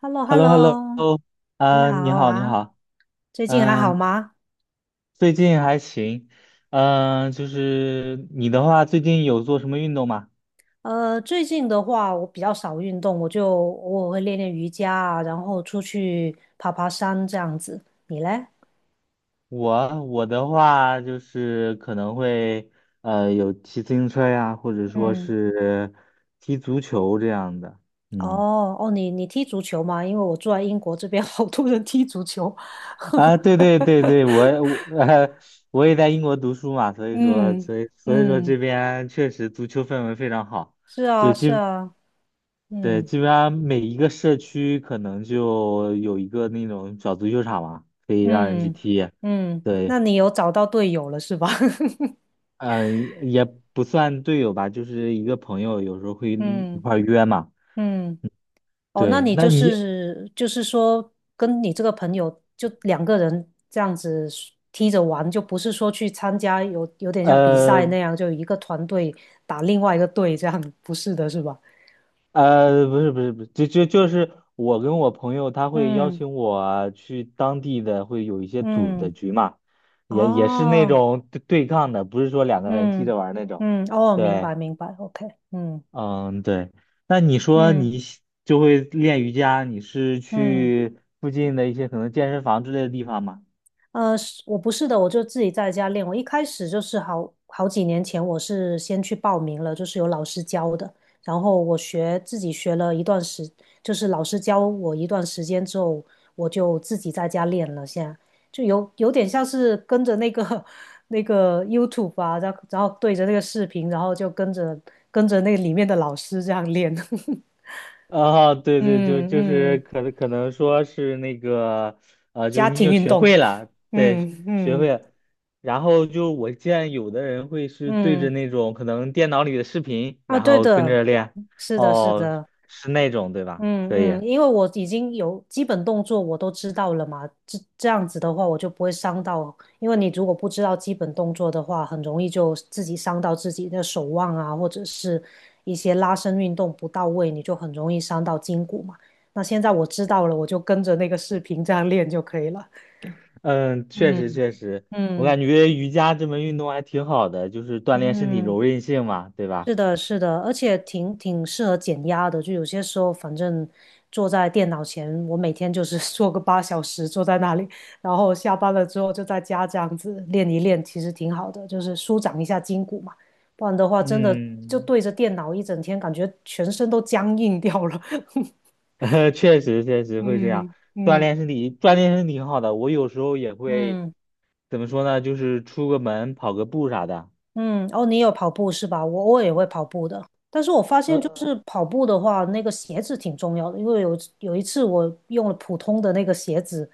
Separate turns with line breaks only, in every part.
h e l l o
h
h
e
e
l
l
l o
l
h e l l
o
o
你
嗯，你
好
好，你
啊，
好，
最近还好
嗯，
吗？
最近还行，嗯，就是你的话，最近有做什么运动吗？
最近的话，我比较少运动，我就偶尔会练练瑜伽啊，然后出去爬爬山这样子。你嘞？
我的话就是可能会有骑自行车呀，或者说
嗯，
是踢足球这样的，嗯，
哦哦，你踢足球吗？因为我住在英国这边 好多人踢足球。
啊，对对对对，我也在英国读书嘛，所以说
嗯
所以所以说这
嗯，
边确实足球氛围非常好。
是啊
就
是
基。
啊，
对，
嗯
基本上每一个社区可能就有一个那种小足球场嘛，可以让人去
嗯
踢。
嗯，
对，
那你有找到队友了是吧？
嗯、也不算队友吧，就是一个朋友，有时候会 一一
嗯
块儿约嘛。
嗯。哦，那
对，
你就是就是说，跟你这个朋友就两个人这样子踢着玩，就不是说去参加有点像比
呃
赛那样，就一个团队打另外一个队这样，不是的，是吧？
不是不是不是，就是我跟我朋友，他会邀
嗯
请我去当地的，会有一些组的
嗯，
局嘛，也是那
哦，
种对抗的，不是说两个人踢
嗯
着玩儿那种。
嗯，哦，明
对。
白明白，OK，嗯
嗯，对。那你说
嗯
你就会练瑜伽，你是
嗯。
去附近的一些可能健身房之类的地方吗？
呃，是我不是的，我就自己在家练。我一开始就是好几年前，我是先去报名了，就是有老师教的。然后自己学了一段时，就是老师教我一段时间之后，我就自己在家练了。现在就有点像是跟着那个 那个 YouTube 啊，然后对着那个视频，然后就跟着跟着那里面的老师这样练。
啊，对对，就
嗯
就是
嗯，
可能说是那个，就是
家
你
庭
已
运
学
动。
会了，对，
嗯
学会
嗯
了。然后就我见有的人会是对着
嗯。
那种可能电脑里的视频，
啊，
然
对
后跟
的，
着练。
是的，是
哦，
的，
是那种对吧？可以。
嗯，因为我已经有基本动作我都知道了嘛，这样子的话我就不会伤到，因为你如果不知道基本动作的话，很容易就自己伤到自己的手腕啊，或者是一些拉伸运动不到位，你就很容易伤到筋骨嘛。那现在我知道了，我就跟着那个视频这样练就可以了。
嗯，确实
嗯
确实，我
嗯
感觉瑜伽这门运动还挺好的，就是锻炼身体
嗯。
柔韧性嘛，对吧？
是的，是的，而且挺适合减压的。就有些时候，反正坐在电脑前，我每天就是 坐个八小时，坐在那里，然后下班了之后就在家这样子练一练，其实挺好的，就是舒展一下筋骨嘛。不然的话，真的就
嗯，
对着电脑一整天，感觉全身都僵硬掉了。
确实确实会这样，
嗯
锻
嗯。
炼身体，锻炼身体挺好的。我有时候也会
嗯。
怎么说呢，就是出个门跑个步啥的。
嗯，哦，你有跑步是吧？我偶尔也会跑步的，但是我发现就是
呃
跑步的话，那个鞋子挺重要的，因为有一次我用了普通的那个鞋子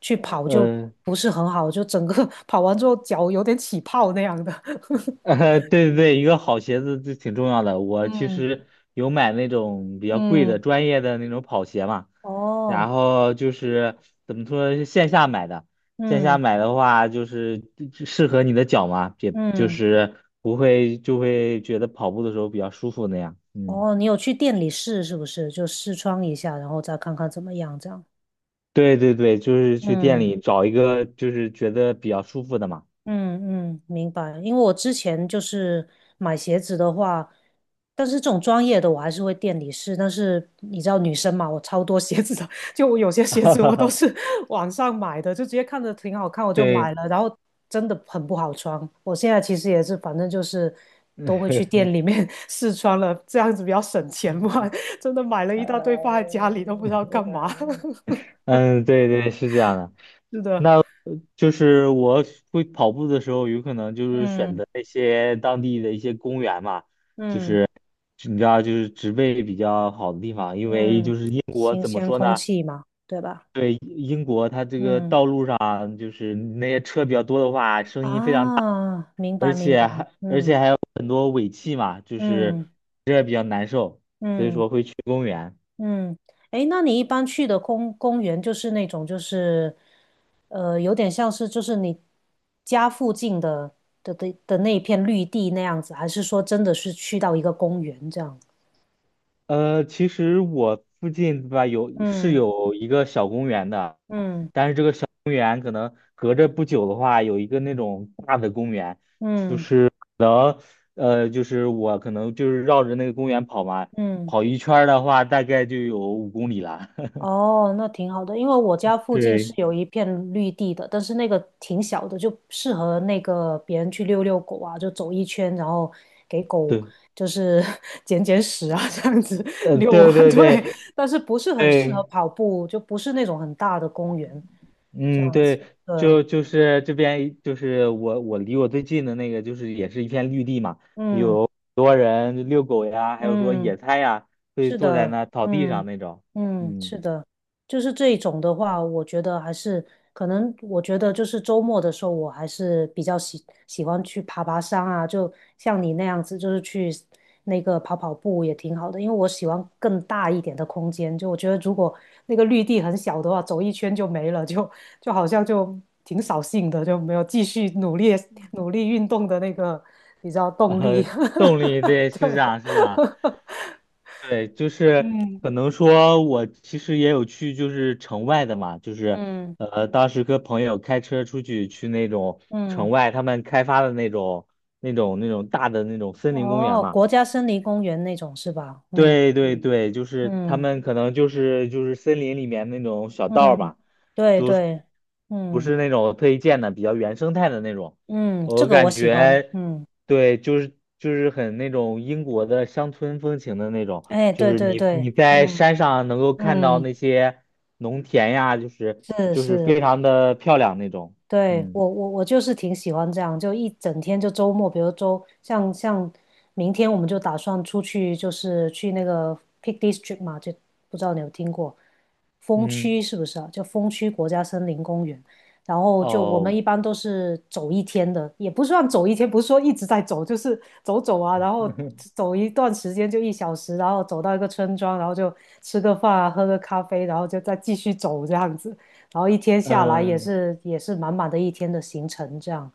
去跑，就
呃，
不是很好，就整个 跑完之后脚有点起泡那样的。
对对对，一个好鞋子就挺重要的。我其
嗯
实有买那种比较贵的
嗯，
专业的那种跑鞋嘛，然
哦，
后就是怎么说，是线下买的。线下
嗯
买的话，就是就适合你的脚嘛，也就
嗯，
是不会就会觉得跑步的时候比较舒服那样。嗯，
哦，你有去店里试是不是？就试穿一下，然后再看看怎么样，这样。
对对对，就是去店
嗯。
里找一个就是觉得比较舒服的嘛。
嗯，明白。因为我之前就是买鞋子的话，但是这种专业的我还是会店里试。但是你知道女生嘛，我超多鞋子的，就我有些鞋子我都是 网上买的，就直接看着挺好看我就买
对，
了，然后真的很不好穿。我现在其实也是，反正就是都会去店里面 试穿了，这样子比较省钱嘛。真的买了 一大堆放在
呃，
家里都不知道干嘛。
嗯，对对，是这样的。
是的，
就是我会跑步的时候，有可能就是选
嗯
择那些当地的一些公园嘛，
嗯
你知道，就是植被比较好的地方，因为就
嗯，
是英国
新
怎么
鲜
说
空
呢？
气嘛，对吧？
对，英国它这个
嗯，
道路上就是那些车比较多的话，声音非常大，
啊，明
而
白明
且
白，
还而且
嗯
还有很多尾气嘛，就是
嗯
这比较难受，所以
嗯
说会去公园。
嗯，诶，那你一般去的公园就是那种就是，呃，有点像是就是你家附近的的那一片绿地那样子，还是说真的是去到一个公园这样？
其实我附近吧有是
嗯
有一个小公园的。
嗯
公园可能隔着不久的话，有一个那种大的公园，
嗯
可能就是我可能就是绕着那个公园跑嘛，
嗯
跑一圈儿的话，大概就有5公里了。
哦，那挺好的，因为我家附近是
对
有一片绿地的，但是那个挺小的，就适合那个别人去遛遛狗啊，就走一圈，然后给狗
对，
就是 捡捡屎啊，这样子
嗯
遛
对
啊，
对
对，
对
但是不是很适合
对，
跑步，就不是那种很大的公园这
嗯，
样子，
对，
对，
就是这边就是我离我最近的那个就是也是一片绿地嘛，很
嗯
多人遛狗呀，还有说
嗯。
野餐呀，会
是
坐在
的，
那草地上
嗯
那种，
嗯，
嗯，
是的，就是这一种的话，我觉得还是可能，我觉得就是周末的时候，我还是比较喜欢去爬爬山啊，就像你那样子，就是去那个跑跑步也挺好的，因为我喜欢更大一点的空间，就我觉得如果那个绿地很小的话，走一圈就没了，就好像就挺扫兴的，就没有继续努力运动的那个，你知道 动力，
呃，动力对，是这
对。
样是这样。对，就是
嗯
可能说，我其实也有去，就是城外的嘛，就是
嗯
当时跟朋友开车出去去那种城
嗯，
外，他们开发的那种、大的那种森林公园
哦，
嘛。
国家森林公园那种是吧？嗯
对对对，就是他
嗯
们可能就是森林里面那种小道儿
嗯，
嘛，
对
都是
对，
不
嗯
是那种特意建的，比较原生态的那种。
嗯，这
我
个
感
我喜欢，
觉，
嗯，
对，就是很那种英国的乡村风情的那种，
哎，
就
对
是
对
你
对，
你在
嗯
山上能够看到
嗯，
那些农田呀，就是
是
就是
是。
非常的漂亮那种。
对，
嗯
我我就是挺喜欢这样，就一整天就周末，比如像明天我们就打算出去，就是去那个 Peak District 嘛，就不知道你有听过风
嗯，
区是不是啊？就风区国家森林公园，然后就我们
哦，
一般都是走一天的，也不算走一天，不是说一直在走，就是走走啊，然后走一段时间就一小时，然后走到一个村庄，然后就吃个饭啊，喝个咖啡，然后就再继续走这样子。然后一天下来
嗯。
也是满满的一天的行程，这样，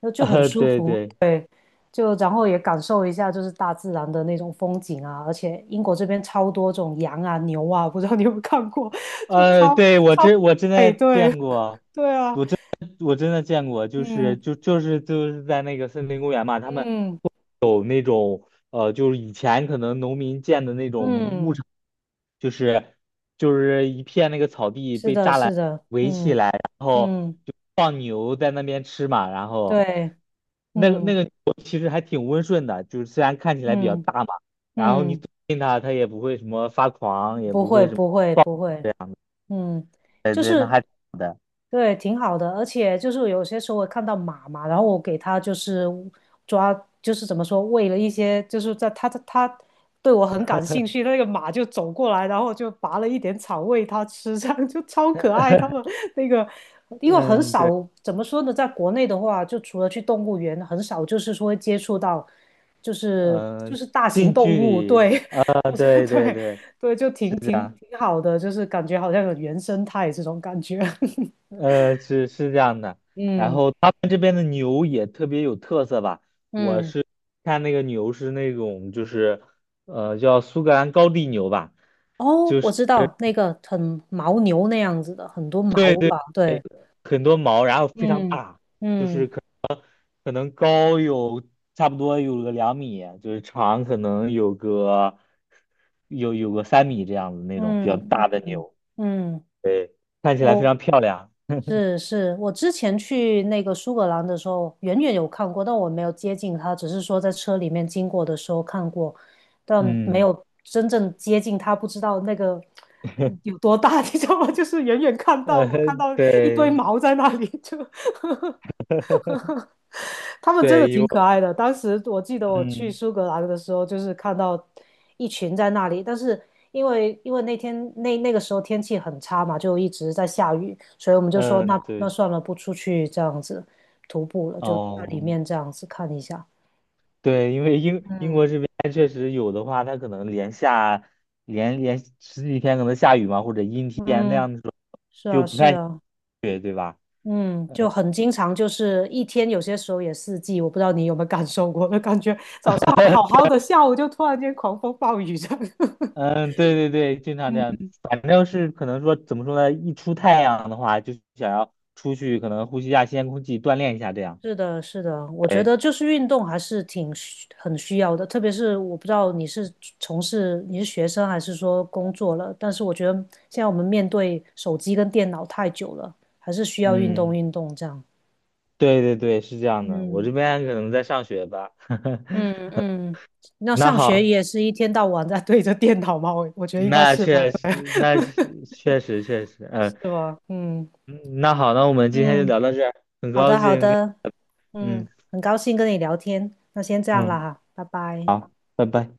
那 就很舒
对
服，
对，
对，就然后也感受一下就是大自然的那种风景啊，而且英国这边超多这种羊啊牛啊，不知道你有没有看过，就
对，
超，
我真的
哎，对
见过。
对啊，
我真的见过，就是
嗯
就就是就是在那个森林公园嘛，他们
嗯
有那种就是以前可能农民建的那种牧
嗯，
场，就是就是一片那个草地
是
被
的，
栅栏
是的，
围起
嗯
来，然后
嗯，
就放牛在那边吃嘛，然后
对，
那个那
嗯
个牛其实还挺温顺的，就是虽然看起来比较
嗯
大嘛，然后你走
嗯，
近它，它也不会什么发狂，也
不
不
会
会什么
不会
暴，
不会，嗯，
对
就
对，那
是
还挺好的，
对，挺好的，而且就是有些时候我看到马嘛，然后我给它就是抓，就是怎么说，喂了一些，就是在它对我很感兴趣，那个马就走过来，然后我就拔了一点草喂它吃，这样就超可爱。他们那个，因为很
嗯。
少怎么说呢，在国内的话，就除了去动物园，很少就是说会接触到，就是就
嗯、
是大型
近
动
距
物，
离，
对，我觉得
对对
对，
对，
对，就挺挺好的，就是感觉好像有原生态这种感觉。
是是这样的。然
嗯
后他们这边的牛也特别有特色吧，
嗯，
看那个牛是那种就是，叫苏格兰高地牛吧，
哦，我知道那个很牦牛那样子的，很多
对
毛
对，
吧？对，
很多毛，然后非常
嗯
大，就是
嗯
可能高有差不多有个2米，就是长可能有个3米这样子那种
嗯
比较
嗯
大的
嗯，
牛，
嗯，
对，看起来非
嗯
常漂亮，
是是，我之前去那个苏格兰的时候，远远有看过，但我没有接近它，只是说在车里面经过的时候看过，但没
嗯。
有真正接近它，不知道那个嗯有多大，你知道吗？就是远远看 到，
呃，
我看到一堆
对
毛在那里，就他们真的
对，
挺可爱的。当时我记得我去
嗯
苏格兰的时候，就是看到一群在那里，但是因为那天那个时候天气很差嘛，就一直在下雨，所以我们就说
嗯，
那
对，
算了，不出去这样子徒步了，就在里
嗯，
面这样子看一下。
对，因为英英
嗯，
国这边确实有的话，它可能连下十几天可能下雨嘛，或者阴天那
嗯，
样的时候
是
就
啊，
不
是
太
啊，嗯，就很经常就是一天，有些时候也四季，我不知道你有没有感受过，就感觉早上还好好的，下午就突然间狂风暴雨这样。
嗯，对对对，经常这样，反正是可能说怎么说呢，一出太阳的话，就想要出去可能呼吸一下新鲜空气，锻炼一下这样。
是的，是的，我觉
哎，
得就是运动还是很需要的，特别是我不知道从事你是学生还是说工作了，但是我觉得现在我们面对手机跟电脑太久了，还是需要运动
嗯，
运动这样。
对对对，是这样的，我这
嗯
边可能在上学吧。
嗯 嗯，那
那
上
好。
学也是一天到晚在对着电脑吗？我觉得应该
那
是吧，
确实，
对
那确实确实，嗯，
是吧？嗯
嗯那好，那我们今天就
嗯，
聊到这儿，很
好
高
的好
兴跟，
的，嗯，
嗯
很高兴跟你聊天，那先这样了
嗯，
哈，拜拜。
拜拜。